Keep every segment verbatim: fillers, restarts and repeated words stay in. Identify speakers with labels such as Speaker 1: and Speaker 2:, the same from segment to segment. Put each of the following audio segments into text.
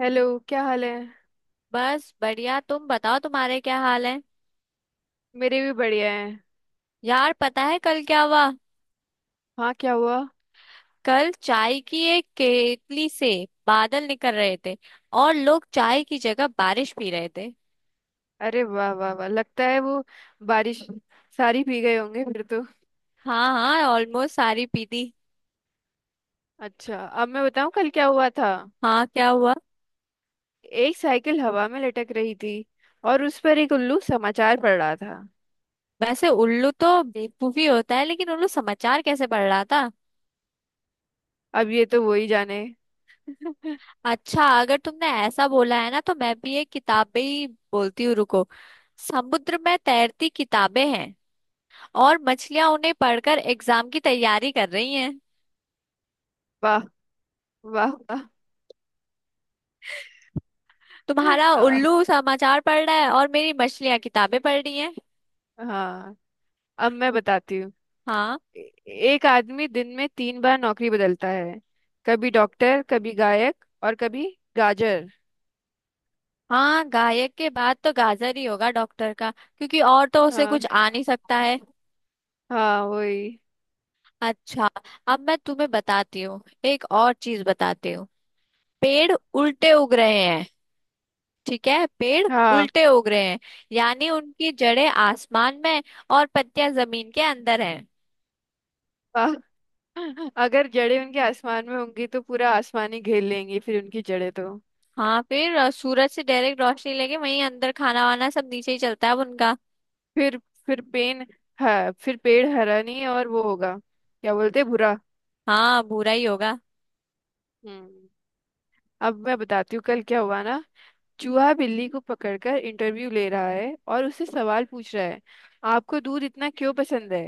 Speaker 1: Hello. क्या हाल है?
Speaker 2: बस बढ़िया। तुम बताओ, तुम्हारे क्या हाल है?
Speaker 1: मेरे भी बढ़िया है।
Speaker 2: यार, पता है कल क्या हुआ?
Speaker 1: हाँ, क्या हुआ?
Speaker 2: कल चाय की एक केतली से बादल निकल रहे थे, और लोग चाय की जगह बारिश पी रहे थे।
Speaker 1: अरे वाह वाह वाह, लगता है वो बारिश सारी भीग गए होंगे फिर तो।
Speaker 2: हाँ हाँ, ऑलमोस्ट सारी पी दी।
Speaker 1: अच्छा, अब मैं बताऊं कल क्या हुआ था।
Speaker 2: हाँ, क्या हुआ?
Speaker 1: एक साइकिल हवा में लटक रही थी और उस पर एक उल्लू समाचार पढ़ रहा था।
Speaker 2: वैसे उल्लू तो बेवकूफी होता है, लेकिन उल्लू समाचार कैसे पढ़ रहा था?
Speaker 1: अब ये तो वही जाने।
Speaker 2: अच्छा, अगर तुमने ऐसा बोला है ना, तो मैं भी एक किताब पे ही बोलती हूँ, रुको। समुद्र में तैरती किताबें हैं, और मछलियां उन्हें पढ़कर एग्जाम की तैयारी कर रही हैं।
Speaker 1: वाह वाह वाह।
Speaker 2: तुम्हारा
Speaker 1: आ,
Speaker 2: उल्लू समाचार पढ़ रहा है और मेरी मछलियां किताबें पढ़ रही हैं।
Speaker 1: हाँ। अब मैं बताती हूँ।
Speaker 2: हाँ।
Speaker 1: ए- एक आदमी दिन में तीन बार नौकरी बदलता है। कभी डॉक्टर, कभी गायक और कभी गाजर।
Speaker 2: हाँ, गायक के बाद तो गाजर ही होगा डॉक्टर का, क्योंकि और तो उसे
Speaker 1: हाँ,
Speaker 2: कुछ आ नहीं सकता है।
Speaker 1: हाँ वही।
Speaker 2: अच्छा, अब मैं तुम्हें बताती हूँ, एक और चीज बताती हूँ। पेड़ उल्टे उग रहे हैं। ठीक है, पेड़
Speaker 1: हाँ।
Speaker 2: उल्टे उग रहे हैं। यानी उनकी जड़ें आसमान में, और पत्तियां जमीन के अंदर हैं।
Speaker 1: आ, अगर जड़ें उनके आसमान में होंगी तो पूरा आसमान ही घेर लेंगी, फिर उनकी जड़ें तो।
Speaker 2: हाँ, फिर अ, सूरज से डायरेक्ट रोशनी लेके वहीं अंदर खाना वाना सब नीचे ही चलता है अब उनका।
Speaker 1: फिर फिर पेन। हाँ, फिर पेड़ हरा नहीं और वो होगा, क्या बोलते हैं, भूरा।
Speaker 2: हाँ, भूरा ही होगा।
Speaker 1: हम्म। अब मैं बताती हूँ कल क्या हुआ ना। चूहा बिल्ली को पकड़कर इंटरव्यू ले रहा है और उससे सवाल पूछ रहा है। आपको दूध इतना क्यों पसंद है?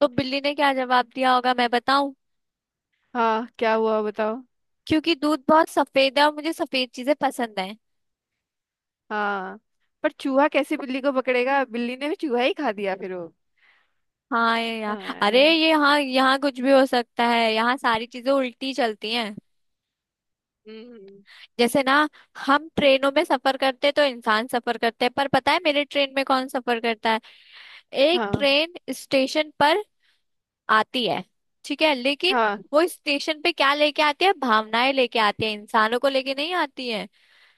Speaker 2: तो बिल्ली ने क्या जवाब दिया होगा, मैं बताऊं?
Speaker 1: हाँ, क्या हुआ? बताओ।
Speaker 2: क्योंकि दूध बहुत सफेद है, और मुझे सफेद चीजें पसंद है।
Speaker 1: हाँ। पर चूहा कैसे बिल्ली को पकड़ेगा, बिल्ली ने भी चूहा ही खा दिया फिर वो।
Speaker 2: हाँ, ये यार। अरे
Speaker 1: हाँ।
Speaker 2: ये, हाँ, यहाँ कुछ भी हो सकता है। यहाँ सारी चीजें उल्टी चलती हैं।
Speaker 1: हम्म।
Speaker 2: जैसे ना, हम ट्रेनों में सफर करते तो इंसान सफर करते हैं, पर पता है मेरे ट्रेन में कौन सफर करता है? एक
Speaker 1: हाँ,
Speaker 2: ट्रेन स्टेशन पर आती है, ठीक है, लेकिन
Speaker 1: हाँ।
Speaker 2: वो स्टेशन पे क्या लेके आती है? भावनाएं लेके आती है, इंसानों को लेके नहीं आती है।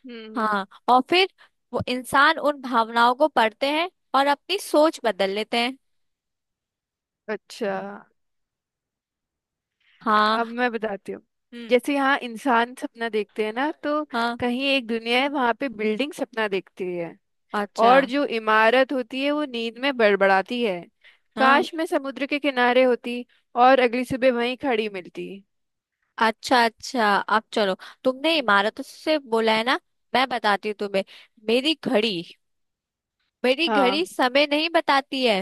Speaker 1: हम्म, हम्म।
Speaker 2: हाँ, और फिर वो इंसान उन भावनाओं को पढ़ते हैं और अपनी सोच बदल लेते हैं।
Speaker 1: अच्छा,
Speaker 2: हाँ।
Speaker 1: अब मैं बताती हूँ।
Speaker 2: हम्म।
Speaker 1: जैसे यहाँ इंसान सपना देखते हैं ना, तो
Speaker 2: हाँ।
Speaker 1: कहीं एक दुनिया है वहां पे बिल्डिंग सपना देखती है।
Speaker 2: अच्छा।
Speaker 1: और जो इमारत होती है वो नींद में बड़बड़ाती है।
Speaker 2: हाँ।
Speaker 1: काश मैं समुद्र के किनारे होती, और अगली सुबह वहीं खड़ी मिलती।
Speaker 2: अच्छा अच्छा, अब चलो, तुमने
Speaker 1: हम्म।
Speaker 2: इमारतों से बोला है ना, मैं बताती हूँ तुम्हें। मेरी घड़ी, मेरी घड़ी
Speaker 1: हाँ।
Speaker 2: समय नहीं बताती है।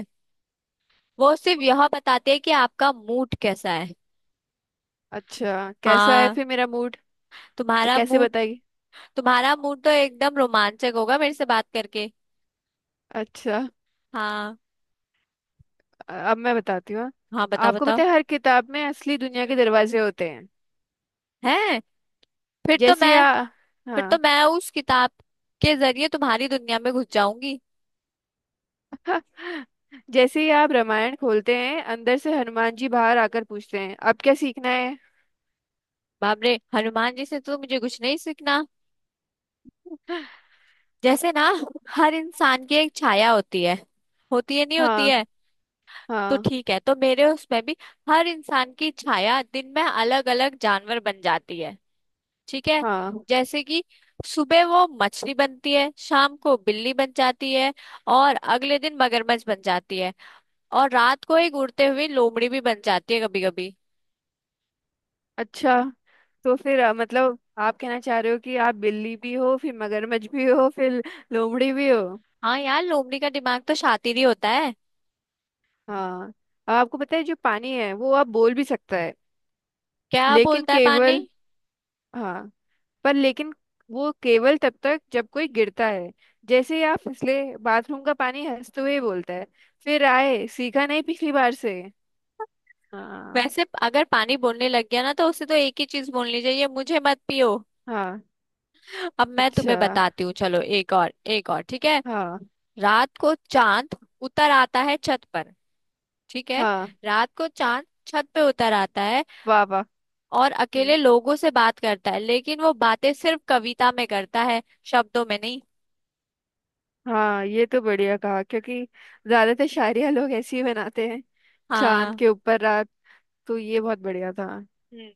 Speaker 2: वो सिर्फ यह बताती है कि आपका मूड कैसा है।
Speaker 1: अच्छा, कैसा है
Speaker 2: हाँ,
Speaker 1: फिर मेरा मूड?
Speaker 2: तुम्हारा
Speaker 1: कैसे
Speaker 2: मूड,
Speaker 1: बताइए?
Speaker 2: तुम्हारा मूड तो एकदम रोमांचक होगा मेरे से बात करके।
Speaker 1: अच्छा।
Speaker 2: हाँ।
Speaker 1: अब मैं बताती हूँ।
Speaker 2: हाँ, बताओ
Speaker 1: आपको
Speaker 2: बताओ।
Speaker 1: पता है हर किताब में असली दुनिया के दरवाजे होते हैं।
Speaker 2: है? फिर तो
Speaker 1: जैसे
Speaker 2: मैं,
Speaker 1: आ,
Speaker 2: फिर तो
Speaker 1: हाँ।
Speaker 2: मैं उस किताब के जरिए तुम्हारी दुनिया में घुस जाऊंगी।
Speaker 1: जैसे ही आप रामायण खोलते हैं अंदर से हनुमान जी बाहर आकर पूछते हैं, अब क्या सीखना है?
Speaker 2: बाप रे, हनुमान जी से तो मुझे कुछ नहीं सीखना। जैसे ना, हर इंसान की एक छाया होती है, होती है नहीं होती
Speaker 1: हाँ,
Speaker 2: है, तो
Speaker 1: हाँ,
Speaker 2: ठीक है, तो मेरे उसमें भी हर इंसान की छाया दिन में अलग अलग जानवर बन जाती है। ठीक है,
Speaker 1: हाँ।
Speaker 2: जैसे कि सुबह वो मछली बनती है, शाम को बिल्ली बन जाती है, और अगले दिन मगरमच्छ बन जाती है, और रात को एक उड़ते हुए लोमड़ी भी बन जाती है कभी कभी।
Speaker 1: अच्छा, तो फिर अ, मतलब आप कहना चाह रहे हो कि आप बिल्ली भी हो, फिर मगरमच्छ भी हो, फिर लोमड़ी भी हो।
Speaker 2: हाँ यार, लोमड़ी का दिमाग तो शातिर ही होता है।
Speaker 1: हाँ। आपको पता है जो पानी है वो आप बोल भी सकता है।
Speaker 2: क्या
Speaker 1: लेकिन
Speaker 2: बोलता है पानी?
Speaker 1: केवल। हाँ। पर लेकिन वो केवल तब तक जब कोई गिरता है। जैसे ही आप फिसले, बाथरूम का पानी हंसते हुए बोलता है, फिर आए? सीखा नहीं पिछली बार से? हाँ।
Speaker 2: वैसे अगर पानी बोलने लग गया ना, तो उसे तो एक ही चीज बोलनी चाहिए, मुझे मत पियो।
Speaker 1: हाँ।
Speaker 2: अब मैं तुम्हें
Speaker 1: अच्छा।
Speaker 2: बताती हूँ, चलो एक और, एक और, ठीक है।
Speaker 1: हाँ,
Speaker 2: रात को चांद उतर आता है छत पर, ठीक है,
Speaker 1: हाँ।
Speaker 2: रात को चांद छत पे उतर आता है,
Speaker 1: वाह, वाह।
Speaker 2: और
Speaker 1: हम्म,
Speaker 2: अकेले लोगों से बात करता है, लेकिन वो बातें सिर्फ कविता में करता है, शब्दों में नहीं।
Speaker 1: हाँ, ये तो बढ़िया कहा क्योंकि ज्यादातर शायरिया लोग ऐसी ही बनाते हैं। चांद
Speaker 2: हाँ।
Speaker 1: के ऊपर रात, तो ये बहुत बढ़िया था।
Speaker 2: हम्म।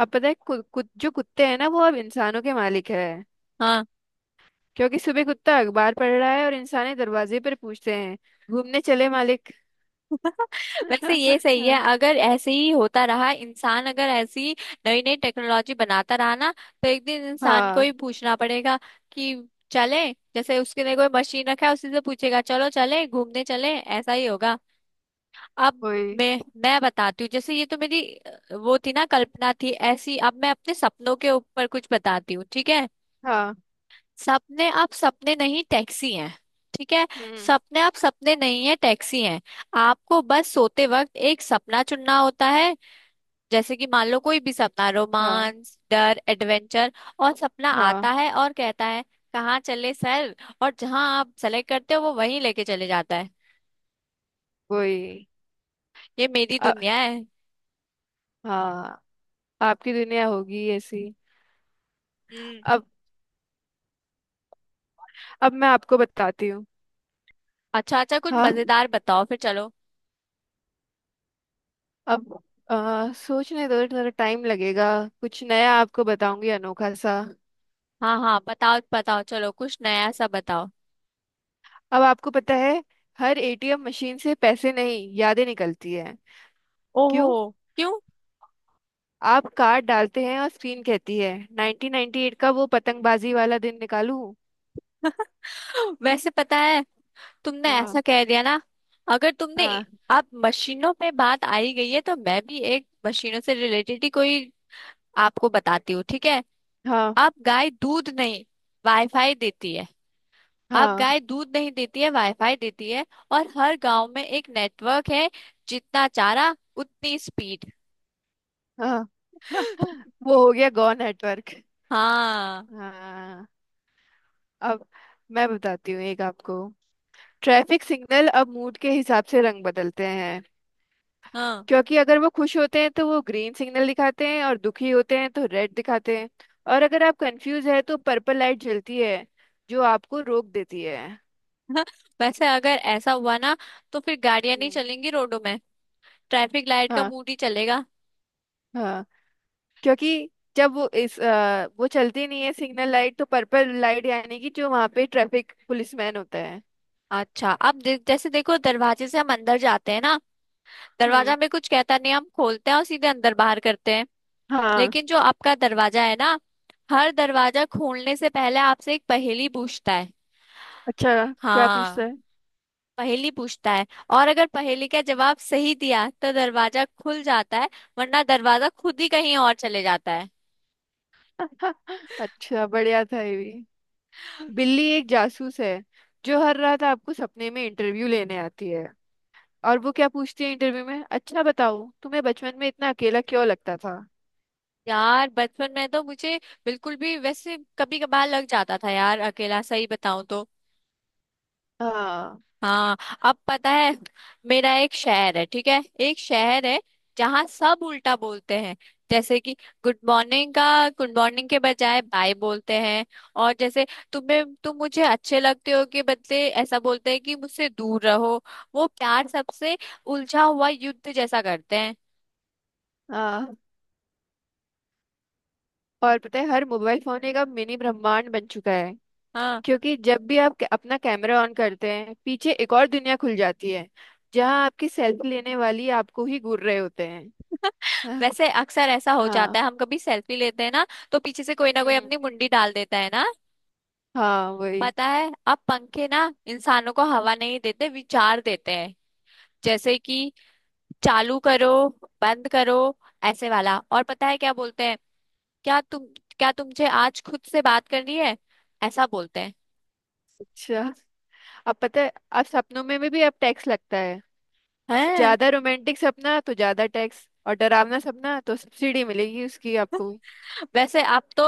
Speaker 1: अब पता है कु, कु, जो कुत्ते हैं ना वो अब इंसानों के मालिक है।
Speaker 2: हाँ।
Speaker 1: क्योंकि सुबह कुत्ता अखबार पढ़ रहा है और इंसान दरवाजे पर पूछते हैं, घूमने चले मालिक?
Speaker 2: वैसे ये सही है, अगर ऐसे ही होता रहा, इंसान अगर ऐसी नई नई टेक्नोलॉजी बनाता रहा ना, तो एक दिन इंसान को
Speaker 1: हाँ,
Speaker 2: ही पूछना पड़ेगा कि चले, जैसे उसके लिए कोई मशीन रखा है, उसी से पूछेगा, चलो चले घूमने, चले, ऐसा ही होगा। अब
Speaker 1: वही।
Speaker 2: मैं मैं बताती हूँ, जैसे ये तो मेरी अ, वो थी ना, कल्पना थी ऐसी, अब मैं अपने सपनों के ऊपर कुछ बताती हूँ, ठीक है।
Speaker 1: हाँ।
Speaker 2: सपने आप सपने नहीं, टैक्सी हैं। ठीक है,
Speaker 1: हम्म।
Speaker 2: सपने आप सपने नहीं है, टैक्सी हैं। आपको बस सोते वक्त एक सपना चुनना होता है, जैसे कि मान लो कोई भी सपना,
Speaker 1: हाँ,
Speaker 2: रोमांस, डर, एडवेंचर। और सपना आता
Speaker 1: हाँ
Speaker 2: है और कहता है, कहाँ चले सर? और जहाँ आप सेलेक्ट करते हो, वो वहीं लेके चले जाता है।
Speaker 1: वही।
Speaker 2: ये मेरी
Speaker 1: अ-
Speaker 2: दुनिया है।
Speaker 1: हाँ। आपकी दुनिया होगी ऐसी।
Speaker 2: हम्म।
Speaker 1: अब अब मैं आपको बताती हूँ।
Speaker 2: अच्छा अच्छा, कुछ
Speaker 1: हाँ।
Speaker 2: मजेदार बताओ फिर, चलो।
Speaker 1: अब आ, सोचने दो, थोड़ा टाइम लगेगा। कुछ नया आपको बताऊंगी, अनोखा सा।
Speaker 2: हाँ हाँ, बताओ बताओ, चलो कुछ नया सा बताओ।
Speaker 1: अब आपको पता है, हर एटीएम मशीन से पैसे नहीं यादें निकलती है।
Speaker 2: ओहो।
Speaker 1: क्यों?
Speaker 2: क्यों?
Speaker 1: आप कार्ड डालते हैं और स्क्रीन कहती है, नाइन्टीन नाइन्टी एट का वो पतंगबाजी वाला दिन निकालूं?
Speaker 2: वैसे पता है, तुमने ऐसा
Speaker 1: हाँ,
Speaker 2: कह दिया ना, अगर तुमने,
Speaker 1: हाँ,
Speaker 2: आप मशीनों पे बात आई गई है, तो मैं भी एक मशीनों से रिलेटेड ही कोई आपको बताती हूँ, ठीक है।
Speaker 1: हाँ,
Speaker 2: आप गाय दूध नहीं, वाईफाई देती है। आप
Speaker 1: हाँ,
Speaker 2: गाय दूध नहीं देती है, वाईफाई देती है। और हर गांव में एक नेटवर्क है, जितना चारा उतनी स्पीड।
Speaker 1: हाँ। हाँ, वो हो गया गो नेटवर्क।
Speaker 2: हाँ।
Speaker 1: हाँ। अब मैं बताती हूँ एक आपको। ट्रैफिक सिग्नल अब मूड के हिसाब से रंग बदलते हैं।
Speaker 2: हाँ।
Speaker 1: क्योंकि अगर वो खुश होते हैं तो वो ग्रीन सिग्नल दिखाते हैं, और दुखी होते हैं तो रेड दिखाते हैं। और अगर आप कंफ्यूज है तो पर्पल लाइट जलती है, जो आपको रोक देती है।
Speaker 2: वैसे अगर ऐसा हुआ ना, तो फिर गाड़ियां नहीं
Speaker 1: हम्म।
Speaker 2: चलेंगी रोडों में, ट्रैफिक लाइट का
Speaker 1: हाँ,
Speaker 2: मूड ही चलेगा।
Speaker 1: हाँ। क्योंकि जब वो इस अ, वो चलती नहीं है सिग्नल लाइट, तो पर्पल लाइट यानी कि जो वहाँ पे ट्रैफिक पुलिसमैन होता है।
Speaker 2: अच्छा, अब दे, जैसे देखो, दरवाजे से हम अंदर जाते हैं ना, दरवाजा
Speaker 1: हम्म।
Speaker 2: हमें कुछ कहता नहीं, हम खोलते हैं और सीधे अंदर बाहर करते हैं।
Speaker 1: हाँ।
Speaker 2: लेकिन जो आपका दरवाजा है ना, हर दरवाजा खोलने से पहले आपसे एक पहेली पूछता है।
Speaker 1: अच्छा, क्या पूछता
Speaker 2: हाँ,
Speaker 1: है?
Speaker 2: पहेली पूछता है, और अगर पहेली का जवाब सही दिया तो दरवाजा खुल जाता है, वरना दरवाजा खुद ही कहीं और चले जाता है।
Speaker 1: अच्छा, बढ़िया था ये भी। बिल्ली एक जासूस है जो हर रात आपको सपने में इंटरव्यू लेने आती है। और वो क्या पूछती है इंटरव्यू में, अच्छा बताओ तुम्हें बचपन में इतना अकेला क्यों लगता था?
Speaker 2: यार बचपन में तो मुझे बिल्कुल भी, वैसे कभी कभार लग जाता था यार अकेला, सही बताऊं तो।
Speaker 1: हाँ,
Speaker 2: हाँ। अब पता है, मेरा एक शहर है, ठीक है, एक शहर है जहाँ सब उल्टा बोलते हैं। जैसे कि गुड मॉर्निंग का, गुड मॉर्निंग के बजाय बाय बोलते हैं। और जैसे, तुम्हें तुम मुझे अच्छे लगते हो के बदले ऐसा बोलते हैं कि मुझसे दूर रहो। वो प्यार सबसे उलझा हुआ युद्ध जैसा करते हैं।
Speaker 1: हाँ। और पता है हर मोबाइल फोन एक अब मिनी ब्रह्मांड बन चुका है।
Speaker 2: हाँ,
Speaker 1: क्योंकि जब भी आप क- अपना कैमरा ऑन करते हैं पीछे एक और दुनिया खुल जाती है, जहाँ आपकी सेल्फी लेने वाली आपको ही घूर रहे होते हैं। हाँ।
Speaker 2: वैसे अक्सर ऐसा हो जाता
Speaker 1: हाँ।
Speaker 2: है, हम कभी सेल्फी लेते हैं ना, तो पीछे से कोई ना कोई
Speaker 1: हम्म।
Speaker 2: अपनी मुंडी डाल देता है ना।
Speaker 1: हाँ, वही।
Speaker 2: पता है, अब पंखे ना इंसानों को हवा नहीं देते, विचार देते हैं। जैसे कि, चालू करो, बंद करो, ऐसे वाला। और पता है क्या बोलते हैं? क्या तुम क्या तुमसे आज खुद से बात करनी है, ऐसा बोलते हैं।
Speaker 1: अच्छा। अब पता है अब सपनों में भी, भी अब टैक्स लगता है।
Speaker 2: हैं?
Speaker 1: ज्यादा रोमांटिक सपना तो ज्यादा टैक्स, और डरावना सपना तो सब्सिडी मिलेगी उसकी आपको।
Speaker 2: वैसे अब तो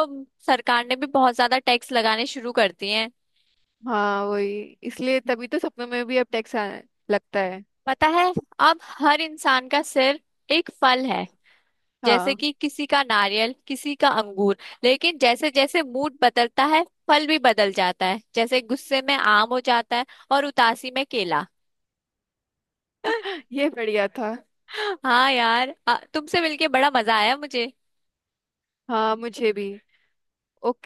Speaker 2: सरकार ने भी बहुत ज्यादा टैक्स लगाने शुरू कर दिए हैं।
Speaker 1: हाँ, वही। इसलिए तभी तो सपनों में भी अब टैक्स आने लगता है।
Speaker 2: पता है, अब हर इंसान का सिर एक फल है। जैसे
Speaker 1: हाँ।
Speaker 2: कि किसी का नारियल, किसी का अंगूर, लेकिन जैसे जैसे मूड बदलता है फल भी बदल जाता है। जैसे गुस्से में आम हो जाता है, और उदासी में केला।
Speaker 1: ये बढ़िया था।
Speaker 2: हाँ यार, आ, तुमसे मिलके बड़ा मजा आया मुझे।
Speaker 1: हाँ, मुझे भी।